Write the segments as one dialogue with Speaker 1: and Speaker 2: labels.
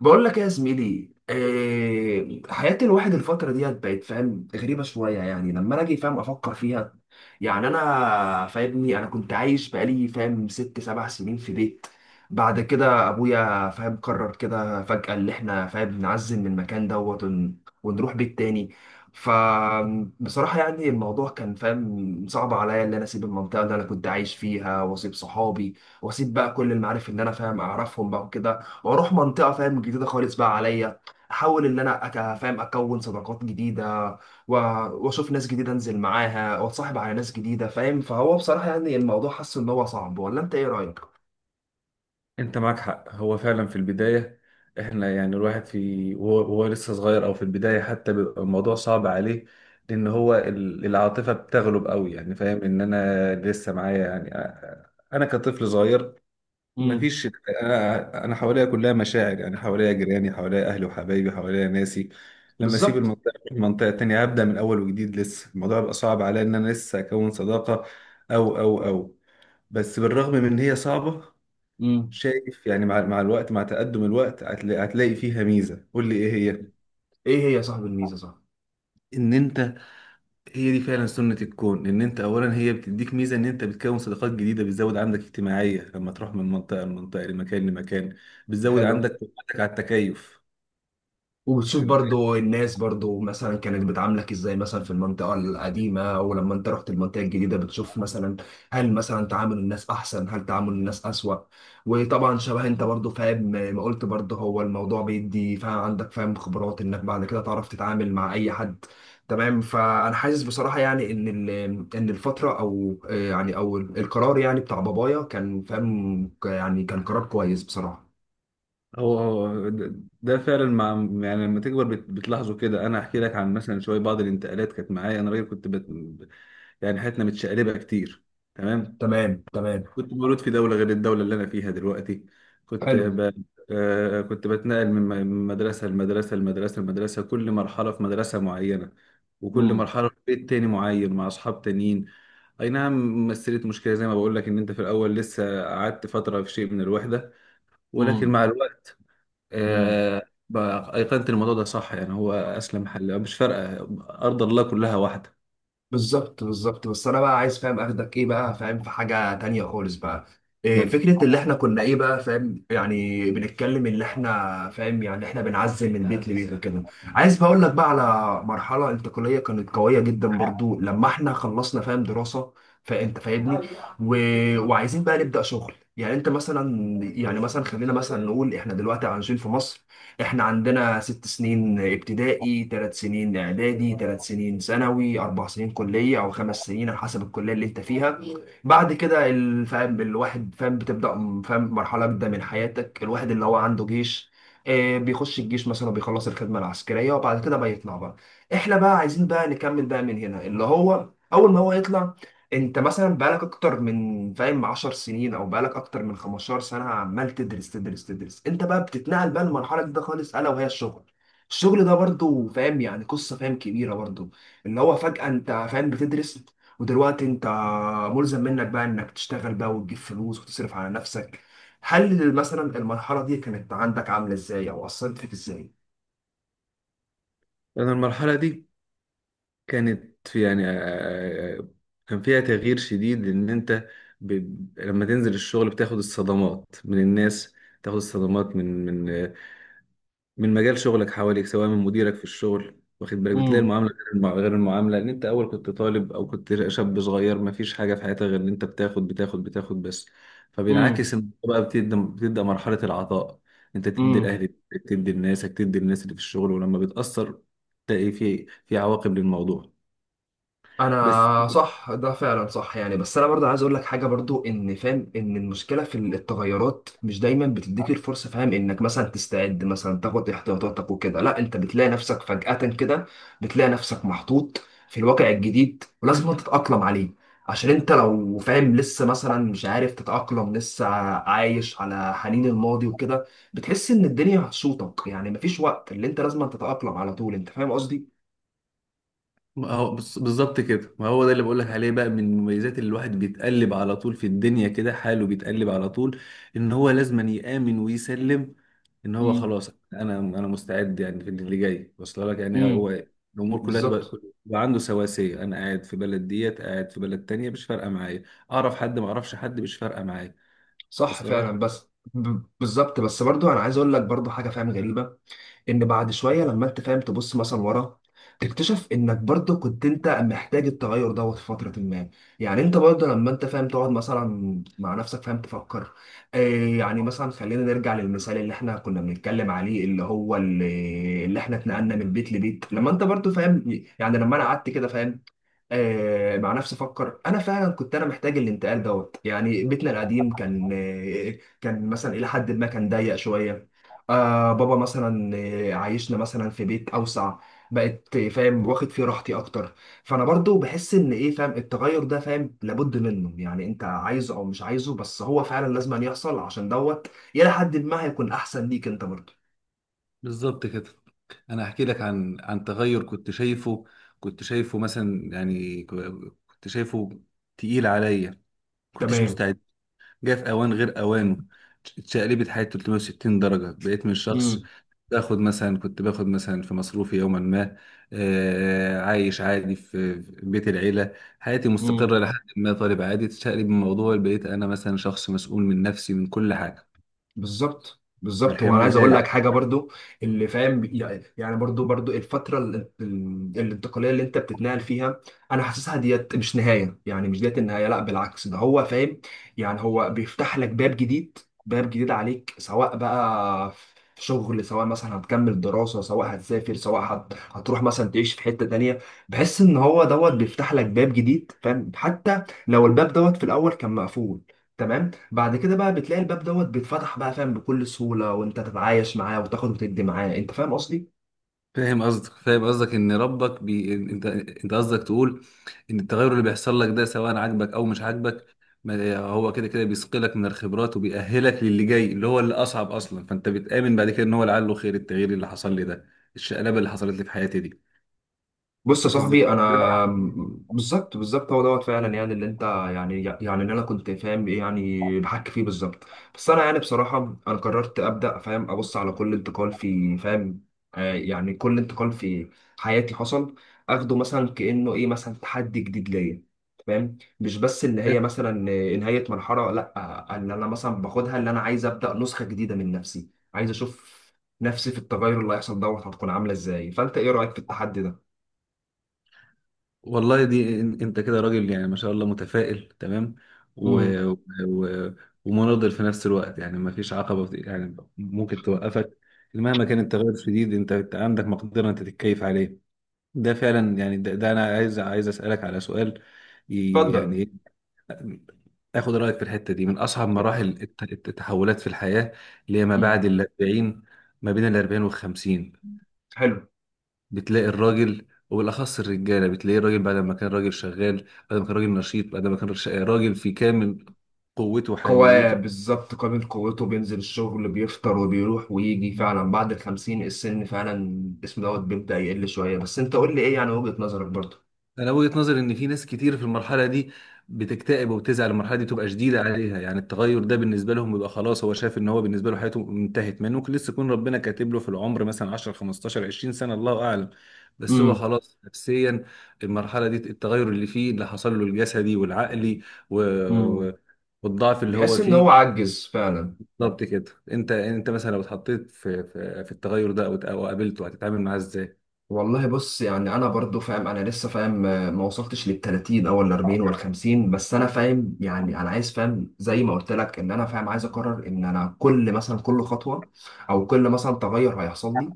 Speaker 1: بقول لك يا زميلي، إيه حياة الواحد الفترة ديت؟ بقت فاهم غريبة شوية، يعني لما أنا أجي فاهم أفكر فيها. يعني أنا فاهمني، أنا كنت عايش بقالي فاهم ست سبع سنين في بيت. بعد كده أبويا فاهم قرر كده فجأة اللي إحنا فاهم نعزل من المكان دوت ونروح بيت تاني. فبصراحة يعني الموضوع كان فاهم صعب عليا، إن أنا أسيب المنطقة اللي أنا كنت عايش فيها وأسيب صحابي، وأسيب بقى كل المعارف اللي أنا فاهم أعرفهم بقى وكده، واروح منطقه فاهم جديده خالص بقى عليا، احاول ان انا فاهم اكون صداقات جديده، و- واشوف ناس جديده انزل معاها واتصاحب على ناس جديده، فاهم؟ فهو بصراحه يعني الموضوع حاسس ان هو صعب، ولا انت ايه رايك؟
Speaker 2: انت معاك حق، هو فعلا في البداية. احنا يعني الواحد في وهو لسه صغير او في البداية حتى بيبقى الموضوع صعب عليه، لان هو العاطفة بتغلب قوي. يعني فاهم ان انا لسه معايا، يعني انا كطفل صغير.
Speaker 1: امم.
Speaker 2: مفيش. انا حواليا كلها مشاعر، يعني حواليا جيراني، حواليا اهلي وحبايبي، حواليا ناسي. لما اسيب
Speaker 1: بالظبط.
Speaker 2: المنطقة أروح منطقة تانية، هبدأ من اول وجديد، لسه الموضوع بيبقى صعب عليا ان انا لسه اكون صداقة او او او بس بالرغم من ان هي صعبة.
Speaker 1: امم.
Speaker 2: شايف يعني مع الوقت، مع تقدم الوقت، هتلاقي فيها ميزة. قول لي ايه هي.
Speaker 1: ايه هي يا صاحب الميزه، صح.
Speaker 2: ان انت، هي دي فعلا سنة الكون، ان انت اولا هي بتديك ميزة ان انت بتكون صداقات جديدة، بتزود عندك اجتماعية لما تروح من منطقة لمنطقة، لمكان لمكان. بتزود
Speaker 1: الحلو.
Speaker 2: عندك قدرتك على التكيف.
Speaker 1: وبتشوف
Speaker 2: واخد بالك؟
Speaker 1: برضو الناس برضو مثلا كانت بتعاملك ازاي مثلا في المنطقة القديمة، ولما انت رحت المنطقة الجديدة بتشوف مثلا، هل مثلا تعامل الناس احسن، هل تعامل الناس اسوأ؟ وطبعا شبه انت برضو فاهم ما قلت برضو، هو الموضوع بيدي فاهم عندك فاهم خبرات انك بعد كده تعرف تتعامل مع اي حد. تمام. فانا حاسس بصراحة يعني ان ان الفترة او يعني او القرار يعني بتاع بابايا كان فاهم يعني كان قرار كويس بصراحة.
Speaker 2: هو ده، فعلا، مع، يعني لما تكبر بتلاحظه كده. انا هحكي لك عن مثلا شويه، بعض الانتقالات كانت معايا انا راجل، يعني حياتنا متشقلبه كتير. تمام.
Speaker 1: تمام، تمام.
Speaker 2: كنت مولود في دولة غير الدولة اللي أنا فيها دلوقتي. كنت
Speaker 1: حلو.
Speaker 2: ب... كنت بتنقل من مدرسة لمدرسة لمدرسة لمدرسة، كل مرحلة في مدرسة معينة، وكل مرحلة في بيت تاني معين مع أصحاب تانيين. أي نعم، مثلت مشكلة زي ما بقول لك، إن أنت في الأول لسه قعدت فترة في شيء من الوحدة، ولكن
Speaker 1: امم.
Speaker 2: مع الوقت
Speaker 1: مم.
Speaker 2: آه، بقى أيقنت الموضوع ده صح. يعني هو أسلم حل، مش فارقة، أرض الله كلها واحدة.
Speaker 1: بالظبط، بالظبط. بس انا بقى عايز فاهم اخدك ايه بقى فاهم في حاجه تانية خالص بقى. إيه
Speaker 2: ماله.
Speaker 1: فكره اللي احنا كنا ايه بقى فاهم، يعني بنتكلم اللي احنا فاهم يعني احنا بنعزل من بيت لبيت وكده. عايز بقول لك بقى على مرحله انتقاليه كانت قويه جدا برضو لما احنا خلصنا فاهم دراسه. فانت فاهمني و... وعايزين بقى نبدا شغل يعني انت مثلا، يعني مثلا خلينا مثلا نقول احنا دلوقتي عايشين في مصر. احنا عندنا 6 سنين ابتدائي، 3 سنين اعدادي، 3 سنين ثانوي، 4 سنين كلية او 5 سنين على حسب الكلية اللي انت فيها. بعد كده فاهم الواحد فاهم بتبدأ فاهم مرحلة جديدة من حياتك، الواحد اللي هو عنده جيش، بيخش الجيش مثلا، بيخلص الخدمة العسكرية وبعد كده بيطلع بقى. احنا بقى عايزين بقى نكمل بقى من هنا، اللي هو اول ما هو يطلع. انت مثلا بقالك اكتر من فاهم 10 سنين، او بقالك اكتر من 15 سنه عمال تدرس، تدرس، تدرس. انت بقى بتتنقل بقى للمرحله دي خالص، الا وهي الشغل. الشغل ده برضو فاهم يعني قصه فاهم كبيره برضو، اللي هو فجاه انت فاهم بتدرس، ودلوقتي انت ملزم منك بقى انك تشتغل بقى وتجيب فلوس وتصرف على نفسك. هل مثلا المرحله دي كانت عندك عامله ازاي، او اثرت فيك ازاي؟
Speaker 2: أنا المرحلة دي كانت في يعني كان فيها تغيير شديد ان انت، ب... لما تنزل الشغل بتاخد الصدمات من الناس، تاخد الصدمات من من مجال شغلك حواليك، سواء من مديرك في الشغل. واخد بالك؟ بتلاقي
Speaker 1: امم.
Speaker 2: المعامله غير غير المعامله، ان انت اول كنت طالب او كنت شاب صغير، ما فيش حاجه في حياتك غير ان انت بتاخد بتاخد بتاخد بس. فبينعكس ان بقى بتبدا مرحله العطاء، انت تدي
Speaker 1: امم.
Speaker 2: لاهلك، تدي لناسك، تدي للناس اللي في الشغل، ولما بتاثر تلاقي في عواقب للموضوع. بس
Speaker 1: انا صح، ده فعلا صح يعني. بس انا برضه عايز اقول لك حاجه برضه، ان فاهم ان المشكله في التغيرات مش دايما بتديك الفرصه فاهم انك مثلا تستعد مثلا تاخد احتياطاتك وكده. لا انت بتلاقي نفسك فجاه كده، بتلاقي نفسك محطوط في الواقع الجديد، ولازم أنت تتاقلم عليه. عشان انت لو فاهم لسه مثلا مش عارف تتاقلم لسه، عايش على حنين الماضي وكده، بتحس ان الدنيا هتشوطك، يعني مفيش وقت، اللي انت لازم تتاقلم على طول. انت فاهم قصدي؟
Speaker 2: ما هو بالظبط كده. ما هو ده اللي بقولك عليه بقى، من المميزات اللي الواحد بيتقلب على طول في الدنيا كده، حاله بيتقلب على طول، ان هو لازم يآمن ويسلم، ان هو
Speaker 1: امم.
Speaker 2: خلاص، انا مستعد يعني في اللي جاي. واصل لك؟ يعني
Speaker 1: امم.
Speaker 2: هو الامور كلها تبقى
Speaker 1: بالظبط.
Speaker 2: عنده سواسية. انا قاعد في بلد ديت، قاعد في بلد تانية، مش فارقة معايا. اعرف حد ما اعرفش حد، مش فارقة معايا.
Speaker 1: صح
Speaker 2: واصل
Speaker 1: فعلا،
Speaker 2: لك؟
Speaker 1: بس بالظبط، بس برضو انا عايز اقول لك برضو حاجه فاهم غريبه، ان بعد شويه لما انت فاهم تبص مثلا ورا، تكتشف انك برضو كنت انت محتاج التغير دوت في فتره ما. يعني انت برضو لما انت فاهم تقعد مثلا مع نفسك فاهم تفكر، آه يعني مثلا خلينا نرجع للمثال اللي احنا كنا بنتكلم عليه، اللي هو اللي احنا اتنقلنا من بيت لبيت، لما انت برضو فاهم، يعني لما انا قعدت كده فاهم، مع نفسي افكر، انا فعلا كنت انا محتاج الانتقال دوت. يعني بيتنا القديم كان كان مثلا الى حد ما كان ضيق شويه. بابا مثلا عايشنا مثلا في بيت اوسع. بقت فاهم واخد فيه راحتي اكتر. فانا برضو بحس ان ايه فاهم، التغير ده فاهم لابد منه، يعني انت عايزه او مش عايزه، بس هو فعلا لازم أن يحصل، عشان دوت الى حد ما هيكون احسن ليك انت برضو.
Speaker 2: بالظبط كده. انا هحكي لك عن تغير كنت شايفه، كنت شايفه مثلا يعني ك- كنت شايفه تقيل عليا، كنتش
Speaker 1: تمام.
Speaker 2: مستعد، جه في اوان غير اوانه. اتشقلبت حياتي 360 درجه. بقيت من شخص باخد مثلا، في مصروفي يوما ما، آه، عايش عادي في بيت العيله، حياتي
Speaker 1: امم.
Speaker 2: مستقره لحد ما، طالب عادي، تشقلب الموضوع، بقيت انا مثلا شخص مسؤول من نفسي، من كل حاجه.
Speaker 1: بالظبط، بالظبط. وانا
Speaker 2: فالحمل
Speaker 1: عايز اقول لك
Speaker 2: زاد.
Speaker 1: حاجه برضو، اللي فاهم يعني برضو برضو الفتره الانتقاليه اللي انت بتتنقل فيها، انا حاسسها ديت مش نهايه، يعني مش ديت النهايه، لا بالعكس ده هو فاهم. يعني هو بيفتح لك باب جديد، باب جديد عليك، سواء بقى في شغل، سواء مثلا هتكمل دراسه، سواء هتسافر، سواء هتروح مثلا تعيش في حته تانيه. بحس ان هو دوت بيفتح لك باب جديد فاهم، حتى لو الباب دوت في الاول كان مقفول. تمام. بعد كده بقى بتلاقي الباب دوت بيتفتح بقى فاهم بكل سهولة، وانت تتعايش معاه وتاخد وتدي معاه. انت فاهم قصدي؟
Speaker 2: فاهم قصدك، ان ربك انت قصدك تقول، ان التغير اللي بيحصل لك ده سواء عاجبك او مش عاجبك، ما... هو كده كده بيسقلك من الخبرات، وبيأهلك للي جاي اللي هو اللي اصعب اصلا. فانت بتآمن بعد كده ان هو لعله خير، التغيير اللي حصل لي ده، الشقلبه اللي حصلت لي في حياتي دي.
Speaker 1: بص يا
Speaker 2: قصدك
Speaker 1: صاحبي، انا
Speaker 2: كده؟
Speaker 1: بالظبط، بالظبط. هو دوت فعلا، يعني اللي انت، يعني اللي انا كنت فاهم ايه يعني بحكي فيه، بالظبط. بس انا يعني بصراحه انا قررت ابدا فاهم ابص على كل انتقال في فاهم، يعني كل انتقال في حياتي حصل، اخده مثلا كانه ايه مثلا تحدي جديد ليا. فاهم، مش بس ان هي مثلا نهايه مرحله، لا. ان انا مثلا باخدها اللي انا عايز ابدا نسخه جديده من نفسي. عايز اشوف نفسي في التغير اللي هيحصل دوت هتكون عامله ازاي. فانت ايه رايك في التحدي ده؟
Speaker 2: والله دي انت كده راجل يعني ما شاء الله، متفائل تمام، و... و... و- ومناضل في نفس الوقت. يعني ما فيش عقبة يعني ممكن توقفك. مهما كان التغير الشديد، انت عندك مقدرة انت تتكيف عليه. ده فعلا يعني ده انا عايز اسألك على سؤال. يعني
Speaker 1: اتفضل.
Speaker 2: إيه، اخد رأيك في الحتة دي. من اصعب مراحل التحولات في الحياة، اللي هي ما
Speaker 1: مم.
Speaker 2: بعد ال 40، ما بين ال 40 وال 50.
Speaker 1: حلو.
Speaker 2: بتلاقي الراجل، وبالاخص الرجاله بتلاقي الراجل بعد ما كان راجل شغال، بعد ما كان راجل نشيط، بعد ما كان راجل في كامل قوته
Speaker 1: قواه
Speaker 2: وحيويته.
Speaker 1: بالظبط، قابل قوته، بينزل الشغل بيفطر وبيروح ويجي. فعلا بعد الخمسين السن فعلا اسمه دوت بيبدأ يقل شوية. بس انت قول لي ايه يعني وجهة نظرك برضه؟
Speaker 2: انا وجهه نظري ان في ناس كتير في المرحله دي بتكتئب وبتزعل، المرحله دي تبقى شديده عليها. يعني التغير ده بالنسبه لهم بيبقى خلاص، هو شايف ان هو بالنسبه له حياته انتهت، ما إنه ممكن لسه يكون ربنا كاتب له في العمر مثلا 10 15 20 سنه، الله اعلم. بس هو
Speaker 1: مم.
Speaker 2: خلاص نفسيا، المرحله دي، التغير اللي فيه اللي حصل له، الجسدي والعقلي و...
Speaker 1: مم.
Speaker 2: و- والضعف اللي هو
Speaker 1: بيحس ان هو
Speaker 2: فيه.
Speaker 1: عجز فعلا.
Speaker 2: بالظبط كده. انت مثلا لو اتحطيت في التغير ده، او قابلته، هتتعامل معاه ازاي؟
Speaker 1: والله بص، يعني انا برضو فاهم انا لسه فاهم ما وصلتش لل 30 او ال 40 وال 50، بس انا فاهم يعني انا عايز فاهم زي ما قلت لك، ان انا فاهم عايز اقرر ان انا كل مثلا كل خطوه، او كل مثلا تغير هيحصل لي،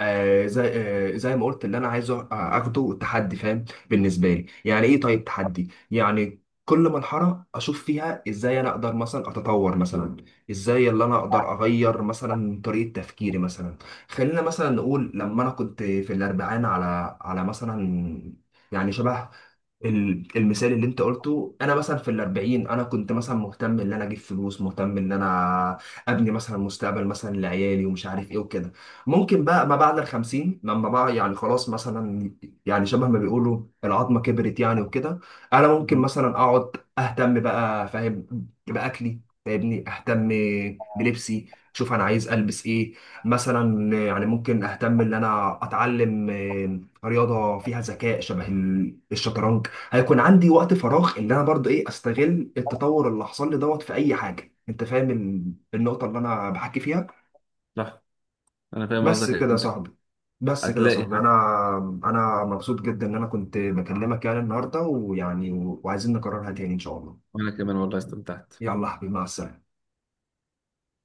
Speaker 1: زي زي ما قلت اللي انا عايزه، اخده تحدي فاهم بالنسبه لي. يعني ايه طيب تحدي؟ يعني كل مرحلة أشوف فيها إزاي أنا أقدر مثلا أتطور مثلا، إزاي اللي أنا أقدر أغير مثلا طريقة تفكيري مثلا. خلينا مثلا نقول، لما انا كنت في الاربعين على مثلا، يعني شبه المثال اللي انت قلته. انا مثلا في الاربعين انا كنت مثلا مهتم ان انا اجيب فلوس، مهتم ان انا ابني مثلا مستقبل مثلا لعيالي، ومش عارف ايه وكده. ممكن بقى ما بعد الخمسين، لما بقى يعني خلاص مثلا، يعني شبه ما بيقولوا العظمه كبرت يعني وكده، انا ممكن
Speaker 2: مهم.
Speaker 1: مثلا اقعد اهتم بقى فاهم باكلي، فاهمني، اهتم بلبسي، شوف انا عايز البس ايه. مثلا يعني ممكن اهتم ان انا اتعلم رياضه فيها ذكاء شبه الشطرنج. هيكون عندي وقت فراغ، ان انا برضه ايه استغل التطور اللي حصل لي دوت في اي حاجه. انت فاهم النقطه اللي انا بحكي فيها؟
Speaker 2: صح. انا فاهم
Speaker 1: بس
Speaker 2: قصدك
Speaker 1: كده يا
Speaker 2: انت.
Speaker 1: صاحبي. بس كده يا
Speaker 2: هتلاقي.
Speaker 1: صاحبي، انا انا مبسوط جدا ان انا كنت بكلمك يعني النهارده، ويعني وعايزين نكررها تاني ان شاء الله.
Speaker 2: وانا كمان والله استمتعت.
Speaker 1: يلا يا حبيبي، مع السلامه.